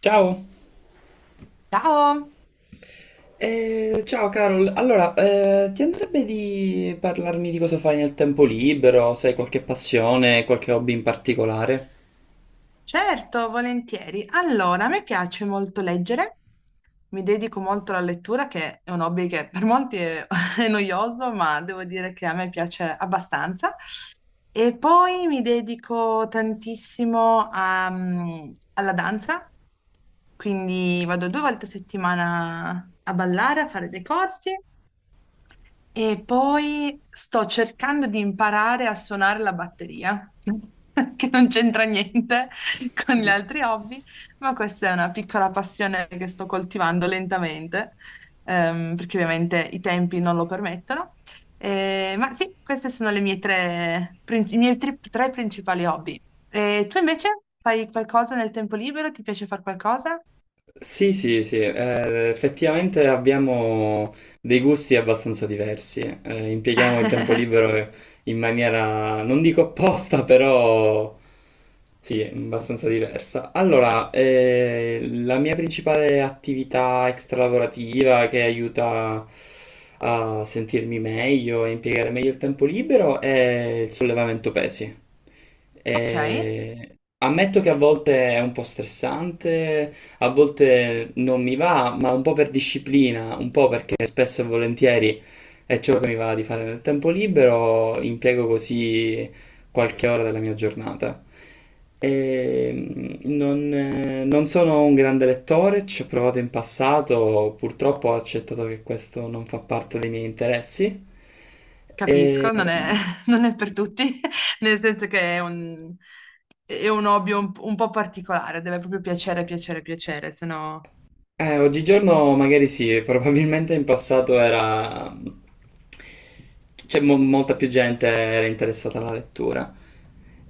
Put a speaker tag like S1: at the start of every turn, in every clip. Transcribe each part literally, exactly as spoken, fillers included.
S1: Ciao.
S2: Ciao,
S1: Eh, ciao Carol. Allora, eh, ti andrebbe di parlarmi di cosa fai nel tempo libero? Se hai qualche passione, qualche hobby in particolare?
S2: certo, volentieri. Allora, a me piace molto leggere, mi dedico molto alla lettura, che è un hobby che per molti è, è noioso, ma devo dire che a me piace abbastanza. E poi mi dedico tantissimo a, mm, alla danza, quindi vado due volte a settimana a ballare, a fare dei corsi. E poi sto cercando di imparare a suonare la batteria, che non c'entra niente con gli altri hobby, ma questa è una piccola passione che sto coltivando lentamente, ehm, perché ovviamente i tempi non lo permettono. Eh, ma sì, queste sono le mie tre, prin- i miei tri- tre principali hobby. E tu invece fai qualcosa nel tempo libero? Ti piace fare qualcosa?
S1: Sì, sì, sì, eh, effettivamente abbiamo dei gusti abbastanza diversi, eh, impieghiamo il tempo libero in maniera, non dico opposta, però sì, abbastanza diversa. Allora, eh, la mia principale attività extralavorativa che aiuta a sentirmi meglio e impiegare meglio il tempo libero è il sollevamento pesi.
S2: Ok.
S1: Eh, Ammetto che a volte è un po' stressante, a volte non mi va, ma un po' per disciplina, un po' perché spesso e volentieri è ciò che mi va di fare nel tempo libero, impiego così qualche ora della mia giornata. E, mm, non, eh, non sono un grande lettore, ci ho provato in passato, purtroppo ho accettato che questo non fa parte dei miei interessi. E,
S2: Capisco, non è, non è per tutti, nel senso che è un, è un hobby un, un po' particolare, deve proprio piacere, piacere, piacere, se no
S1: Eh, oggigiorno magari sì, probabilmente in passato era c'è mo- molta più gente era interessata alla lettura.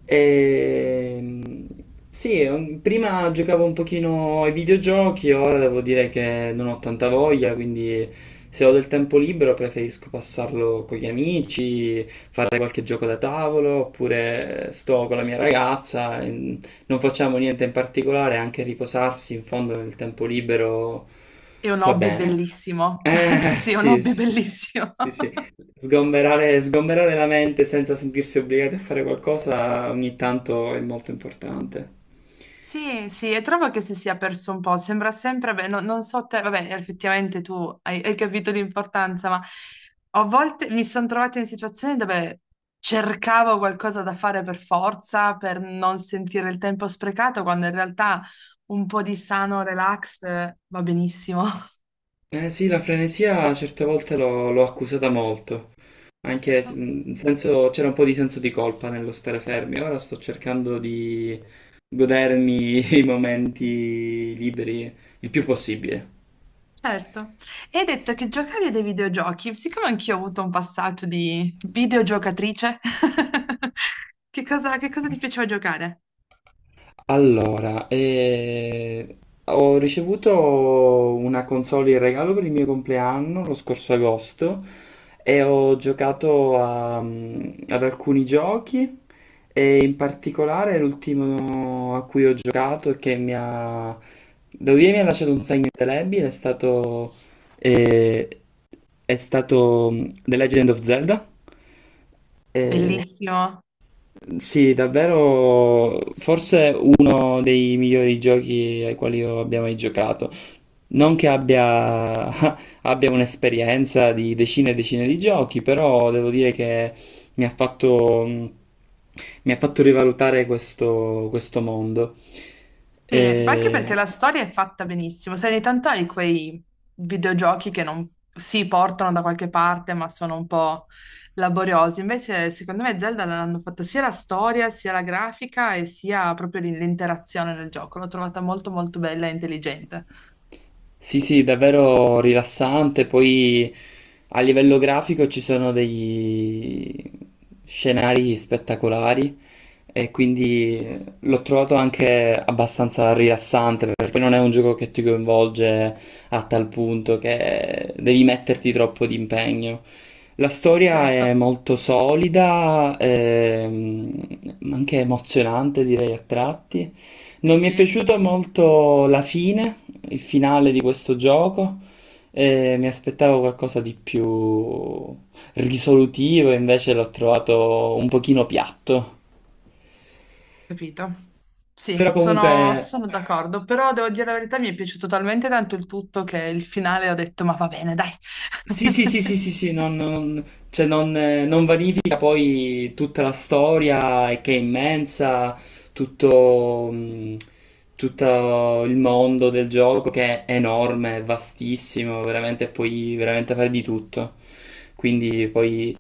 S1: Ehm, Sì, un- prima giocavo un pochino ai videogiochi, ora devo dire che non ho tanta voglia, quindi se ho del tempo libero preferisco passarlo con gli amici, fare qualche gioco da tavolo, oppure sto con la mia ragazza, e non facciamo niente in particolare, anche riposarsi in fondo nel tempo libero
S2: è un
S1: fa
S2: hobby
S1: bene.
S2: bellissimo. Sì,
S1: Eh,
S2: sì, è un
S1: sì,
S2: hobby
S1: sì,
S2: bellissimo.
S1: sì, sì. Sgomberare, sgomberare la mente senza sentirsi obbligati a fare qualcosa ogni tanto è molto importante.
S2: Sì, sì, e trovo che si sia perso un po', sembra sempre, beh, no- non so te, vabbè, effettivamente tu hai, hai capito l'importanza, ma a volte mi sono trovata in situazioni dove cercavo qualcosa da fare per forza, per non sentire il tempo sprecato, quando in realtà un po' di sano relax eh, va benissimo.
S1: Eh sì, la frenesia certe volte l'ho l'ho accusata molto, anche mm, senso- c'era un po' di senso di colpa nello stare fermi, ora sto cercando di godermi i momenti liberi il più possibile.
S2: Certo. E hai detto che giocavi a dei videogiochi, siccome anch'io ho avuto un passaggio di videogiocatrice. che cosa, che cosa ti piaceva giocare?
S1: Allora, eh, ho ricevuto una console in regalo per il mio compleanno lo scorso agosto e ho giocato a- mm, ad alcuni giochi e in particolare l'ultimo a cui ho giocato e che mi ha, devo dire, mi ha lasciato un segno indelebile è stato, eh, è stato mm, The Legend of Zelda.
S2: Bellissimo.
S1: Sì, davvero forse uno dei migliori giochi ai quali io abbia mai giocato. Non che abbia, abbia un'esperienza di decine e decine di giochi, però devo dire che mi ha fatto, mi ha fatto rivalutare questo, questo mondo.
S2: Sì, ma anche perché
S1: E
S2: la storia è fatta benissimo. Sai, ogni tanto hai quei videogiochi che non si portano da qualche parte, ma sono un po' laboriosi. Invece, secondo me, Zelda l'hanno fatta sia la storia, sia la grafica e sia proprio l- l'interazione nel gioco. L'ho trovata molto, molto bella e intelligente.
S1: sì, sì, davvero rilassante. Poi a livello grafico ci sono degli scenari spettacolari e quindi l'ho trovato anche abbastanza rilassante perché non è un gioco che ti coinvolge a tal punto che devi metterti troppo di impegno. La storia
S2: Certo.
S1: è molto solida, ehm, ma anche emozionante, direi a tratti.
S2: Sì,
S1: Non mi è
S2: sì,
S1: piaciuta molto la fine, il finale di questo gioco, e mi aspettavo qualcosa di più risolutivo, invece l'ho trovato un pochino piatto.
S2: capito. Sì,
S1: Però
S2: sono,
S1: comunque
S2: sono d'accordo, però devo dire la verità, mi è piaciuto talmente tanto il tutto che il finale ho detto, ma va bene, dai.
S1: sì, sì, sì, sì, sì, sì, non, non- cioè non, eh, non vanifica poi tutta la storia eh, che è immensa, tutto, mh, tutto il mondo del gioco che è enorme, è vastissimo, veramente puoi veramente fare di tutto. Quindi poi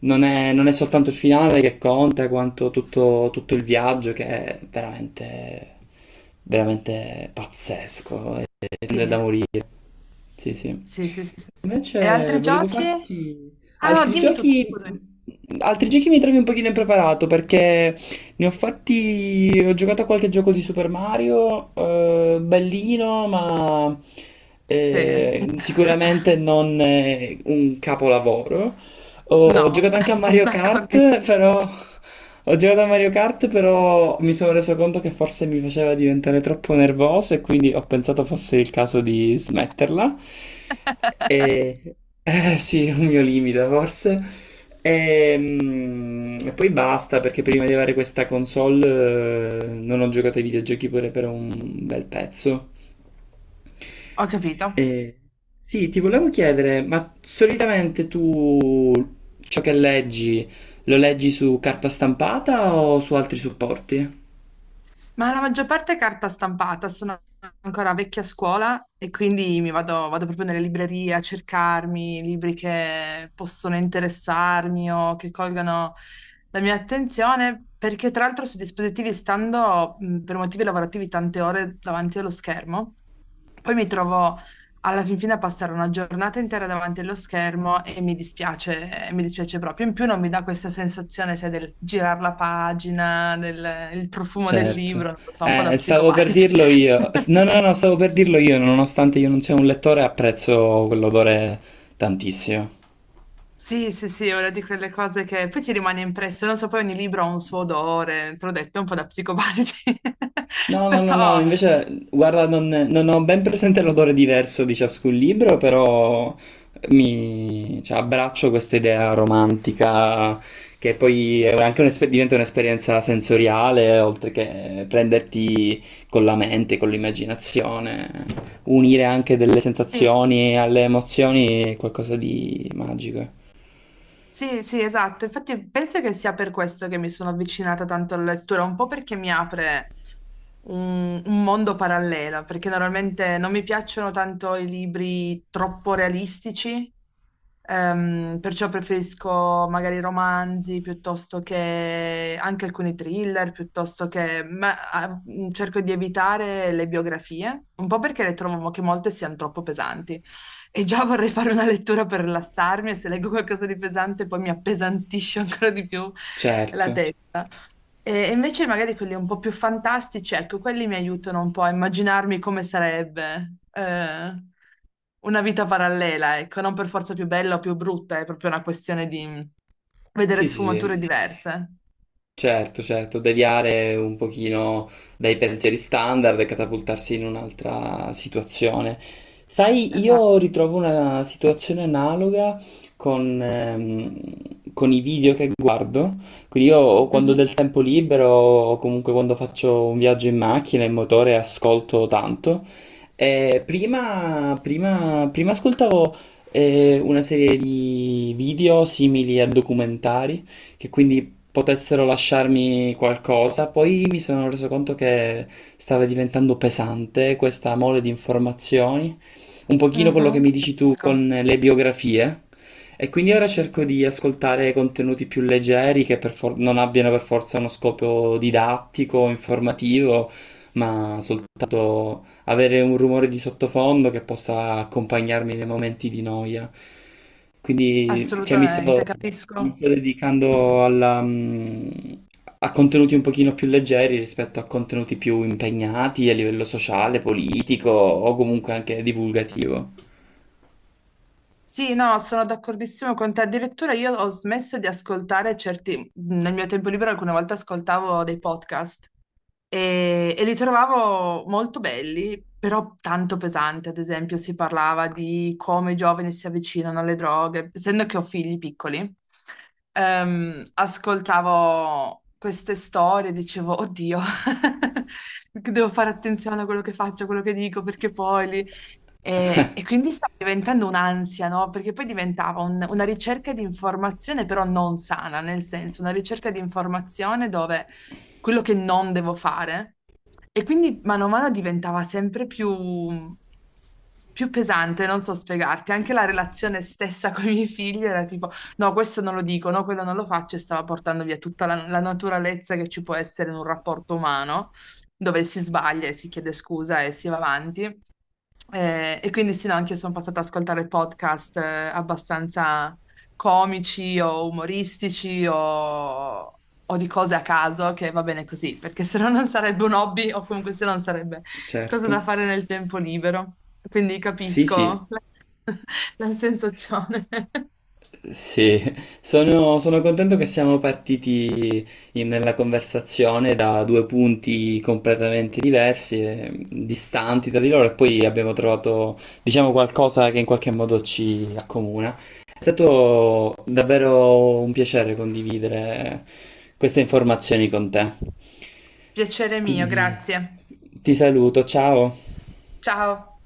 S1: non è, non è soltanto il finale che conta, quanto tutto, tutto il viaggio che è veramente, veramente pazzesco, è, è
S2: Sì.
S1: da morire. Sì, sì.
S2: Sì, sì, sì, sì. E
S1: Invece
S2: altri
S1: volevo
S2: giochi?
S1: farti
S2: Ah no,
S1: altri
S2: dimmi tutto, scusami.
S1: giochi. Altri giochi mi trovi un pochino impreparato perché ne ho fatti. Ho giocato a qualche gioco di Super Mario, eh, bellino, ma
S2: Sì.
S1: eh, sicuramente non eh, un capolavoro. ho
S2: No,
S1: giocato anche a Mario
S2: d'accordo.
S1: Kart, però ho giocato a Mario Kart, però mi sono reso conto che forse mi faceva diventare troppo nervoso e quindi ho pensato fosse il caso di smetterla. E eh, sì, è un mio limite forse. E, mm, e poi basta, perché prima di avere questa console, eh, non ho giocato ai videogiochi pure per un bel pezzo.
S2: Ho capito.
S1: Eh, sì, ti volevo chiedere, ma solitamente tu ciò che leggi lo leggi su carta stampata o su altri supporti?
S2: Ma la maggior parte è carta stampata, sono ancora vecchia scuola e quindi mi vado, vado proprio nelle librerie a cercarmi libri che possono interessarmi o che colgano la mia attenzione, perché tra l'altro su dispositivi stando mh, per motivi lavorativi tante ore davanti allo schermo, poi mi trovo alla fin fine a passare una giornata intera davanti allo schermo e mi dispiace, eh, mi dispiace proprio. In più non mi dà questa sensazione, sai, del girare la pagina, del il profumo del libro,
S1: Certo.
S2: non lo so, un po' da
S1: Eh, stavo per
S2: psicopatici.
S1: dirlo io. No, no, no, stavo per dirlo io, nonostante io non sia un lettore, apprezzo quell'odore tantissimo.
S2: Sì, sì, sì, è una di quelle cose che poi ti rimane impresso, non so, poi ogni libro ha un suo odore, te l'ho detto, un po' da psicopatici,
S1: No, no, no, no,
S2: però
S1: invece, guarda, non, non ho ben presente l'odore diverso di ciascun libro, però mi cioè, abbraccio questa idea romantica che poi è anche un'esper- diventa un'esperienza sensoriale, oltre che prenderti con la mente, con l'immaginazione, unire anche delle
S2: sì.
S1: sensazioni alle emozioni è qualcosa di magico.
S2: Sì, sì, esatto. Infatti penso che sia per questo che mi sono avvicinata tanto alla lettura, un po' perché mi apre un, un mondo parallelo, perché normalmente non mi piacciono tanto i libri troppo realistici. Ehm, perciò preferisco magari romanzi piuttosto che anche alcuni thriller, piuttosto che ma, ah, mh, cerco di evitare le biografie, un po' perché le trovo che molte siano troppo pesanti. E già vorrei fare una lettura per rilassarmi e se leggo qualcosa di pesante poi mi appesantisce ancora di più la
S1: Certo.
S2: testa. E invece magari quelli un po' più fantastici, ecco, quelli mi aiutano un po' a immaginarmi come sarebbe eh, una vita parallela, ecco, non per forza più bella o più brutta, è proprio una questione di mm, vedere
S1: Sì, sì,
S2: sfumature
S1: sì.
S2: diverse.
S1: Certo, certo, deviare un pochino dai pensieri standard e catapultarsi in un'altra situazione. Sai,
S2: Esatto.
S1: io ritrovo una situazione analoga con, ehm, con i video che guardo, quindi io quando ho
S2: Mhm,
S1: del tempo libero o comunque quando faccio un viaggio in macchina, in motore, ascolto tanto. Eh, prima, prima- prima ascoltavo eh, una serie di video simili a documentari che quindi potessero lasciarmi qualcosa. Poi mi sono reso conto che stava diventando pesante questa mole di informazioni, un pochino quello che
S2: mhm.
S1: mi dici tu
S2: Capisco,
S1: con le biografie. E quindi ora cerco di ascoltare contenuti più leggeri che per for- non abbiano per forza uno scopo didattico, informativo, ma soltanto avere un rumore di sottofondo che possa accompagnarmi nei momenti di noia. Quindi, cioè, mi sto,
S2: assolutamente,
S1: mi
S2: capisco.
S1: sto dedicando alla, mm, a contenuti un pochino più leggeri rispetto a contenuti più impegnati a livello sociale, politico o comunque anche divulgativo.
S2: Sì, no, sono d'accordissimo con te. Addirittura io ho smesso di ascoltare certi, nel mio tempo libero alcune volte ascoltavo dei podcast e, e li trovavo molto belli, però tanto pesanti. Ad esempio, si parlava di come i giovani si avvicinano alle droghe, essendo che ho figli piccoli. Ehm, ascoltavo queste storie, e dicevo, oddio, devo fare attenzione a quello che faccio, a quello che dico, perché poi li, e, e quindi stava diventando un'ansia, no? Perché poi diventava un- una ricerca di informazione, però non sana, nel senso, una ricerca di informazione dove quello che non devo fare. E quindi mano a mano diventava sempre più, più pesante, non so spiegarti. Anche la relazione stessa con i miei figli era tipo, no, questo non lo dico, no, quello non lo faccio, e stava portando via tutta la, la naturalezza che ci può essere in un rapporto umano dove si sbaglia e si chiede scusa e si va avanti. Eh, e quindi sì, no, anche io sono passata ad ascoltare podcast eh, abbastanza comici o umoristici o, o di cose a caso, che va bene così, perché se no non sarebbe un hobby o comunque se no non sarebbe cosa da
S1: Certo.
S2: fare nel tempo libero. Quindi
S1: Sì, sì.
S2: capisco la la sensazione.
S1: Sì, sono, sono contento che siamo partiti in- nella conversazione da due punti completamente diversi e distanti tra di loro, e poi abbiamo trovato, diciamo, qualcosa che in qualche modo ci accomuna. È stato davvero un piacere condividere queste informazioni con te.
S2: Piacere mio,
S1: Quindi
S2: grazie.
S1: ti saluto, ciao.
S2: Ciao.